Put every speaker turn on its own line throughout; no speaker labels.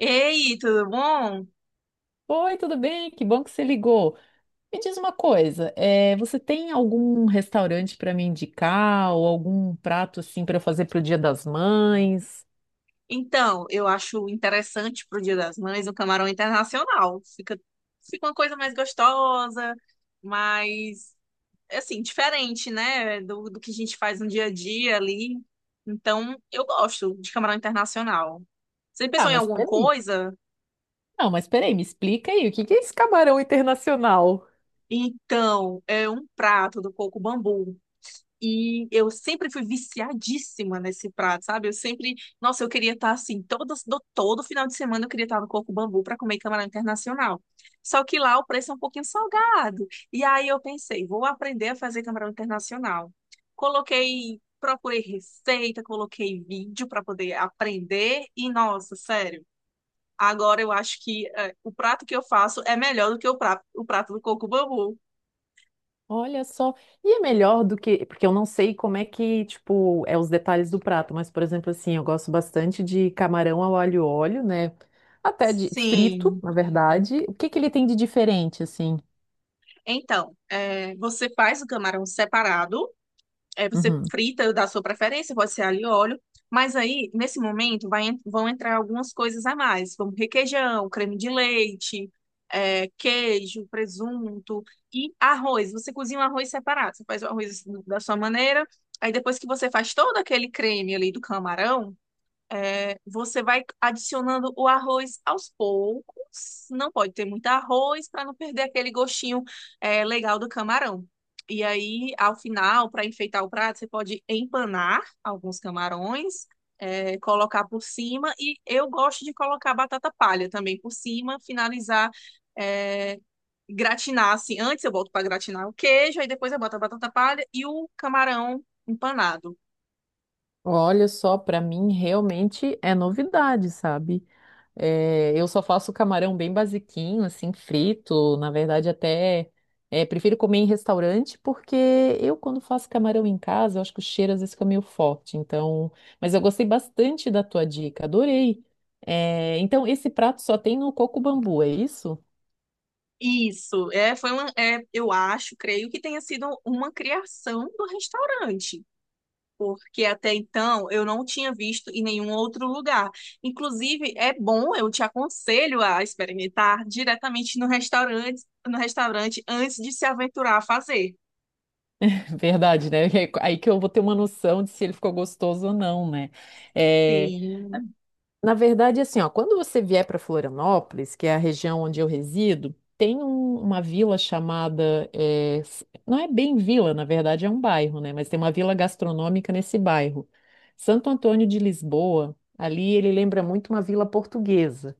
Ei, tudo bom?
Oi, tudo bem? Que bom que você ligou. Me diz uma coisa, você tem algum restaurante para me indicar ou algum prato assim para fazer para o Dia das Mães?
Então, eu acho interessante pro Dia das Mães o camarão internacional. Fica uma coisa mais gostosa, mais, assim, diferente, né? Do que a gente faz no dia a dia ali. Então, eu gosto de camarão internacional. Você
Tá,
pensou em
mas
alguma
peraí.
coisa?
Não, mas peraí, me explica aí, o que que é esse camarão internacional?
Então, é um prato do Coco Bambu. E eu sempre fui viciadíssima nesse prato, sabe? Eu sempre, nossa, eu queria estar assim, todo, todo final de semana eu queria estar no Coco Bambu para comer camarão internacional. Só que lá o preço é um pouquinho salgado. E aí eu pensei, vou aprender a fazer camarão internacional. Coloquei, procurei receita, coloquei vídeo para poder aprender e nossa, sério, agora eu acho que o prato que eu faço é melhor do que o prato do Coco Bambu.
Olha só, e é melhor do que, porque eu não sei como é que, tipo, é os detalhes do prato, mas por exemplo assim, eu gosto bastante de camarão ao alho e óleo, né? Até de frito,
Sim.
na verdade. O que que ele tem de diferente assim?
Então, é, você faz o camarão separado, é, você
Uhum.
frita da sua preferência, pode ser alho e óleo, mas aí, nesse momento, vão entrar algumas coisas a mais, como requeijão, creme de leite, é, queijo, presunto e arroz. Você cozinha o arroz separado, você faz o arroz da sua maneira, aí depois que você faz todo aquele creme ali do camarão, é, você vai adicionando o arroz aos poucos. Não pode ter muito arroz para não perder aquele gostinho, é, legal do camarão. E aí, ao final, para enfeitar o prato, você pode empanar alguns camarões, é, colocar por cima. E eu gosto de colocar batata palha também por cima, finalizar, é, gratinar assim. Antes eu boto para gratinar o queijo, aí depois eu boto a batata palha e o camarão empanado.
Olha só, pra mim realmente é novidade, sabe? É, eu só faço camarão bem basiquinho, assim, frito. Na verdade, até prefiro comer em restaurante, porque eu, quando faço camarão em casa, eu acho que o cheiro às vezes fica meio forte. Então, mas eu gostei bastante da tua dica, adorei. É, então, esse prato só tem no coco bambu, é isso?
Isso, é, foi uma, é, eu acho, creio que tenha sido uma criação do restaurante, porque até então eu não tinha visto em nenhum outro lugar. Inclusive, é bom, eu te aconselho a experimentar diretamente no restaurante, antes de se aventurar a fazer.
Verdade, né? É aí que eu vou ter uma noção de se ele ficou gostoso ou não, né? É,
Sim,
na verdade, assim, ó, quando você vier para Florianópolis, que é a região onde eu resido, tem uma vila chamada, não é bem vila, na verdade é um bairro, né? Mas tem uma vila gastronômica nesse bairro. Santo Antônio de Lisboa, ali ele lembra muito uma vila portuguesa.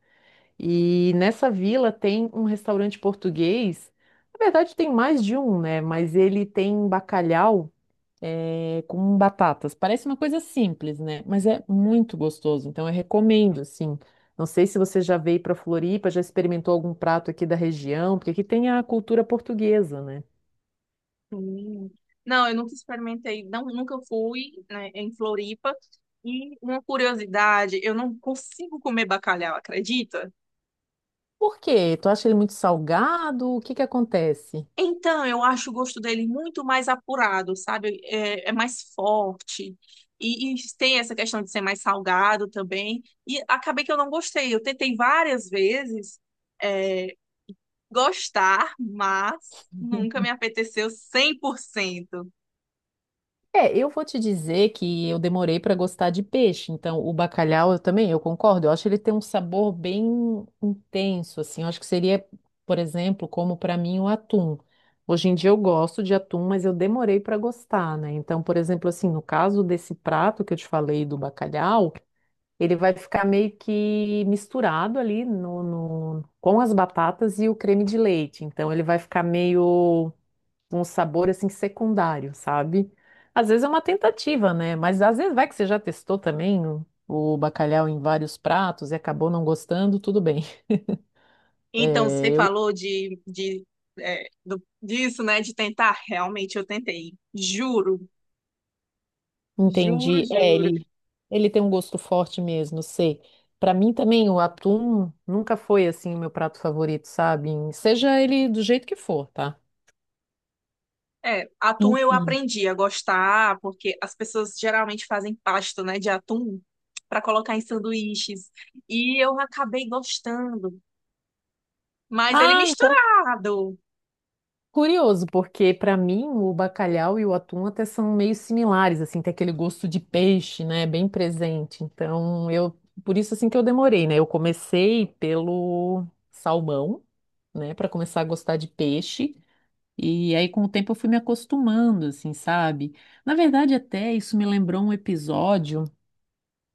E nessa vila tem um restaurante português. Na verdade, tem mais de um, né? Mas ele tem bacalhau com batatas. Parece uma coisa simples, né? Mas é muito gostoso. Então eu recomendo, assim. Não sei se você já veio para Floripa, já experimentou algum prato aqui da região, porque aqui tem a cultura portuguesa, né?
sim. Não, eu nunca experimentei, não, nunca fui, né, em Floripa. E uma curiosidade, eu não consigo comer bacalhau, acredita?
Por quê? Tu acha ele muito salgado? O que que acontece?
Então, eu acho o gosto dele muito mais apurado, sabe? É, é mais forte. E tem essa questão de ser mais salgado também. E acabei que eu não gostei. Eu tentei várias vezes, é, gostar, mas nunca me apeteceu 100%.
É, eu vou te dizer que eu demorei para gostar de peixe, então o bacalhau eu também, eu concordo, eu acho que ele tem um sabor bem intenso, assim, eu acho que seria, por exemplo, como para mim o atum. Hoje em dia eu gosto de atum, mas eu demorei para gostar, né? Então, por exemplo, assim, no caso desse prato que eu te falei do bacalhau, ele vai ficar meio que misturado ali com as batatas e o creme de leite, então ele vai ficar meio um sabor assim secundário, sabe? Às vezes é uma tentativa, né? Mas às vezes vai que você já testou também o bacalhau em vários pratos e acabou não gostando, tudo bem.
Então,
É,
você
eu
falou é, disso, né? De tentar. Realmente, eu tentei. Juro, juro,
entendi.
juro.
Ele tem um gosto forte mesmo, sei. Pra mim também o atum nunca foi assim o meu prato favorito, sabe? Seja ele do jeito que for, tá?
É, atum eu
Enfim.
aprendi a gostar, porque as pessoas geralmente fazem pasta, né, de atum para colocar em sanduíches. E eu acabei gostando, mas ele
Ah, então
misturado
curioso, porque para mim o bacalhau e o atum até são meio similares, assim, tem aquele gosto de peixe, né, bem presente. Então, eu por isso assim que eu demorei, né? Eu comecei pelo salmão, né, para começar a gostar de peixe, e aí com o tempo eu fui me acostumando, assim, sabe? Na verdade, até isso me lembrou um episódio.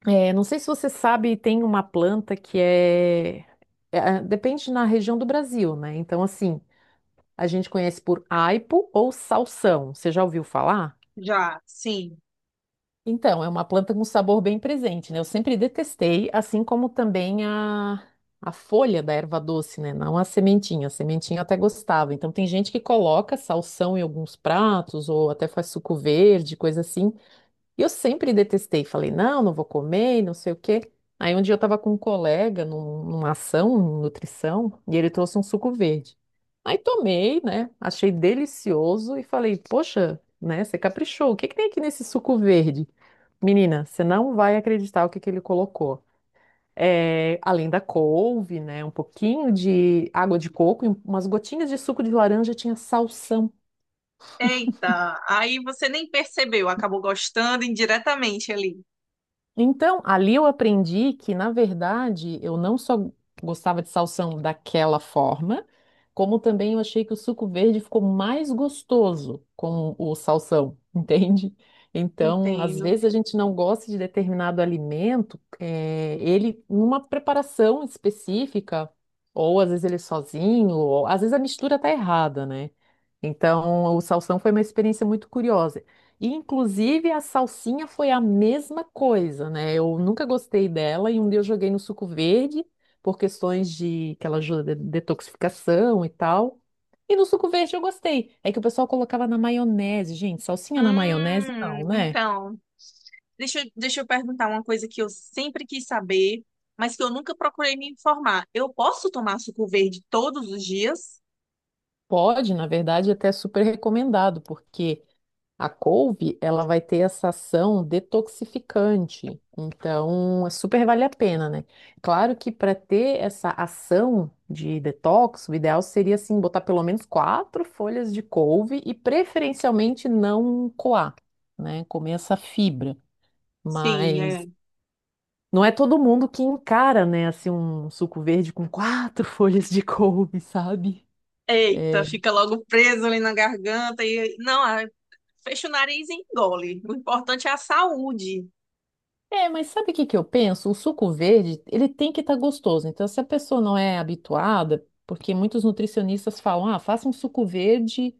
É, não sei se você sabe, tem uma planta que é, depende na região do Brasil, né? Então, assim, a gente conhece por aipo ou salsão. Você já ouviu falar?
já, sim.
Então, é uma planta com sabor bem presente, né? Eu sempre detestei, assim como também a folha da erva doce, né? Não a sementinha. A sementinha eu até gostava. Então, tem gente que coloca salsão em alguns pratos ou até faz suco verde, coisa assim. E eu sempre detestei, falei, não, não vou comer, e não sei o quê. Aí um dia eu estava com um colega numa ação, em nutrição, e ele trouxe um suco verde. Aí tomei, né? Achei delicioso e falei, poxa, né? Você caprichou. O que que tem aqui nesse suco verde? Menina, você não vai acreditar o que que ele colocou. É, além da couve, né? Um pouquinho de água de coco e umas gotinhas de suco de laranja, tinha salsão.
Eita, aí você nem percebeu, acabou gostando indiretamente ali.
Então, ali eu aprendi que, na verdade, eu não só gostava de salsão daquela forma, como também eu achei que o suco verde ficou mais gostoso com o salsão, entende? Então, às
Entendo.
vezes a gente não gosta de determinado alimento, ele numa preparação específica, ou às vezes ele sozinho, ou às vezes a mistura tá errada, né? Então, o salsão foi uma experiência muito curiosa. E, inclusive, a salsinha foi a mesma coisa, né? Eu nunca gostei dela e um dia eu joguei no suco verde por questões de que ela ajuda de detoxificação e tal. E no suco verde eu gostei. É que o pessoal colocava na maionese, gente. Salsinha na maionese não, né?
Então, deixa eu perguntar uma coisa que eu sempre quis saber, mas que eu nunca procurei me informar. Eu posso tomar suco verde todos os dias?
Pode, na verdade, é até super recomendado, porque a couve, ela vai ter essa ação detoxificante. Então, é super vale a pena, né? Claro que para ter essa ação de detox, o ideal seria assim botar pelo menos quatro folhas de couve e preferencialmente não coar, né? Comer essa fibra.
Sim,
Mas
é.
não é todo mundo que encara, né, assim um suco verde com quatro folhas de couve, sabe?
Eita,
É,
fica logo preso ali na garganta e não, ah, fecha o nariz e engole. O importante é a saúde.
é, mas sabe o que que eu penso? O suco verde, ele tem que estar gostoso. Então, se a pessoa não é habituada, porque muitos nutricionistas falam, ah, faça um suco verde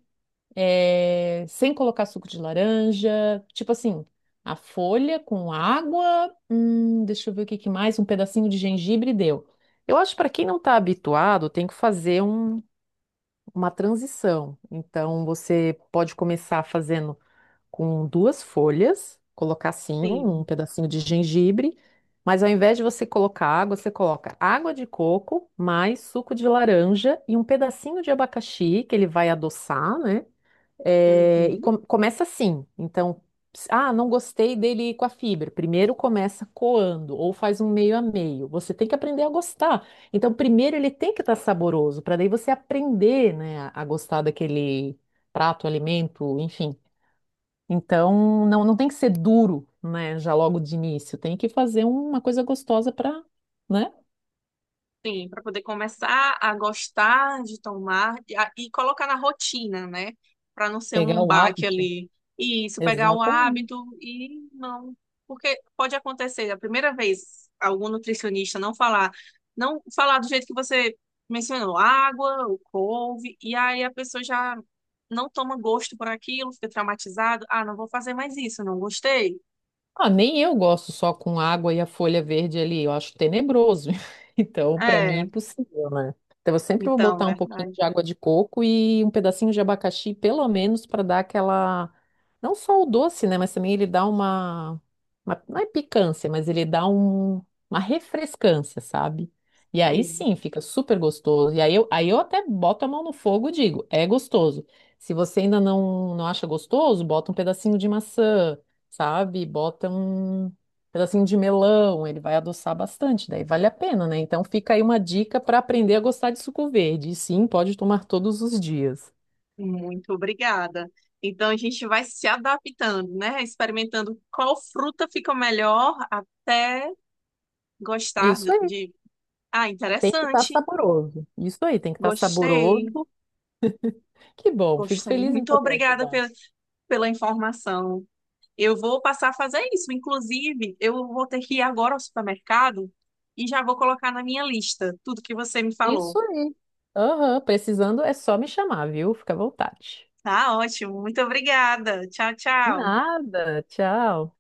sem colocar suco de laranja, tipo assim, a folha com água, deixa eu ver o que que mais, um pedacinho de gengibre deu. Eu acho que para quem não está habituado, tem que fazer uma transição. Então, você pode começar fazendo com duas folhas, colocar assim um
Sim.
pedacinho de gengibre, mas ao invés de você colocar água, você coloca água de coco, mais suco de laranja e um pedacinho de abacaxi que ele vai adoçar, né? É, e
Uhum.
começa assim. Então, ah, não gostei dele com a fibra. Primeiro começa coando ou faz um meio a meio. Você tem que aprender a gostar. Então, primeiro ele tem que estar saboroso, para daí você aprender, né, a gostar daquele prato, alimento, enfim. Então, não, não tem que ser duro, né, já logo de início. Tem que fazer uma coisa gostosa para, né,
Sim, para poder começar a gostar de tomar e colocar na rotina, né? Para não ser
pegar
um
o
baque
hábito.
ali. Isso, pegar o
Exatamente.
hábito e não. Porque pode acontecer, a primeira vez, algum nutricionista não falar, não falar do jeito que você mencionou, água, o couve, e aí a pessoa já não toma gosto por aquilo, fica traumatizado. Ah, não vou fazer mais isso, não gostei.
Ah, nem eu gosto só com água e a folha verde ali, eu acho tenebroso. Então, para mim, é
É,
impossível, né? Então, eu sempre vou
então,
botar um
é
pouquinho
verdade.
de água de coco e um pedacinho de abacaxi, pelo menos, para dar aquela. Não só o doce, né? Mas também ele dá uma... uma. Não é picância, mas ele dá um... uma refrescância, sabe? E aí
Sim.
sim, fica super gostoso. E aí eu até boto a mão no fogo e digo: é gostoso. Se você ainda não, não acha gostoso, bota um pedacinho de maçã sabe? Bota um pedacinho de melão, ele vai adoçar bastante, daí vale a pena, né? Então fica aí uma dica para aprender a gostar de suco verde. E sim, pode tomar todos os dias.
Muito obrigada. Então a gente vai se adaptando, né? Experimentando qual fruta fica melhor até gostar
Isso
de.
aí,
De- Ah,
tem que estar
interessante.
saboroso. Isso aí, tem que estar
Gostei.
saboroso. Que bom, fico
Gostei.
feliz em
Muito
poder
obrigada
ajudar.
pela, pela informação. Eu vou passar a fazer isso. Inclusive, eu vou ter que ir agora ao supermercado e já vou colocar na minha lista tudo que você me
Isso
falou.
aí. Aham, precisando é só me chamar, viu? Fica à vontade.
Tá ótimo. Muito obrigada. Tchau, tchau.
Nada, tchau.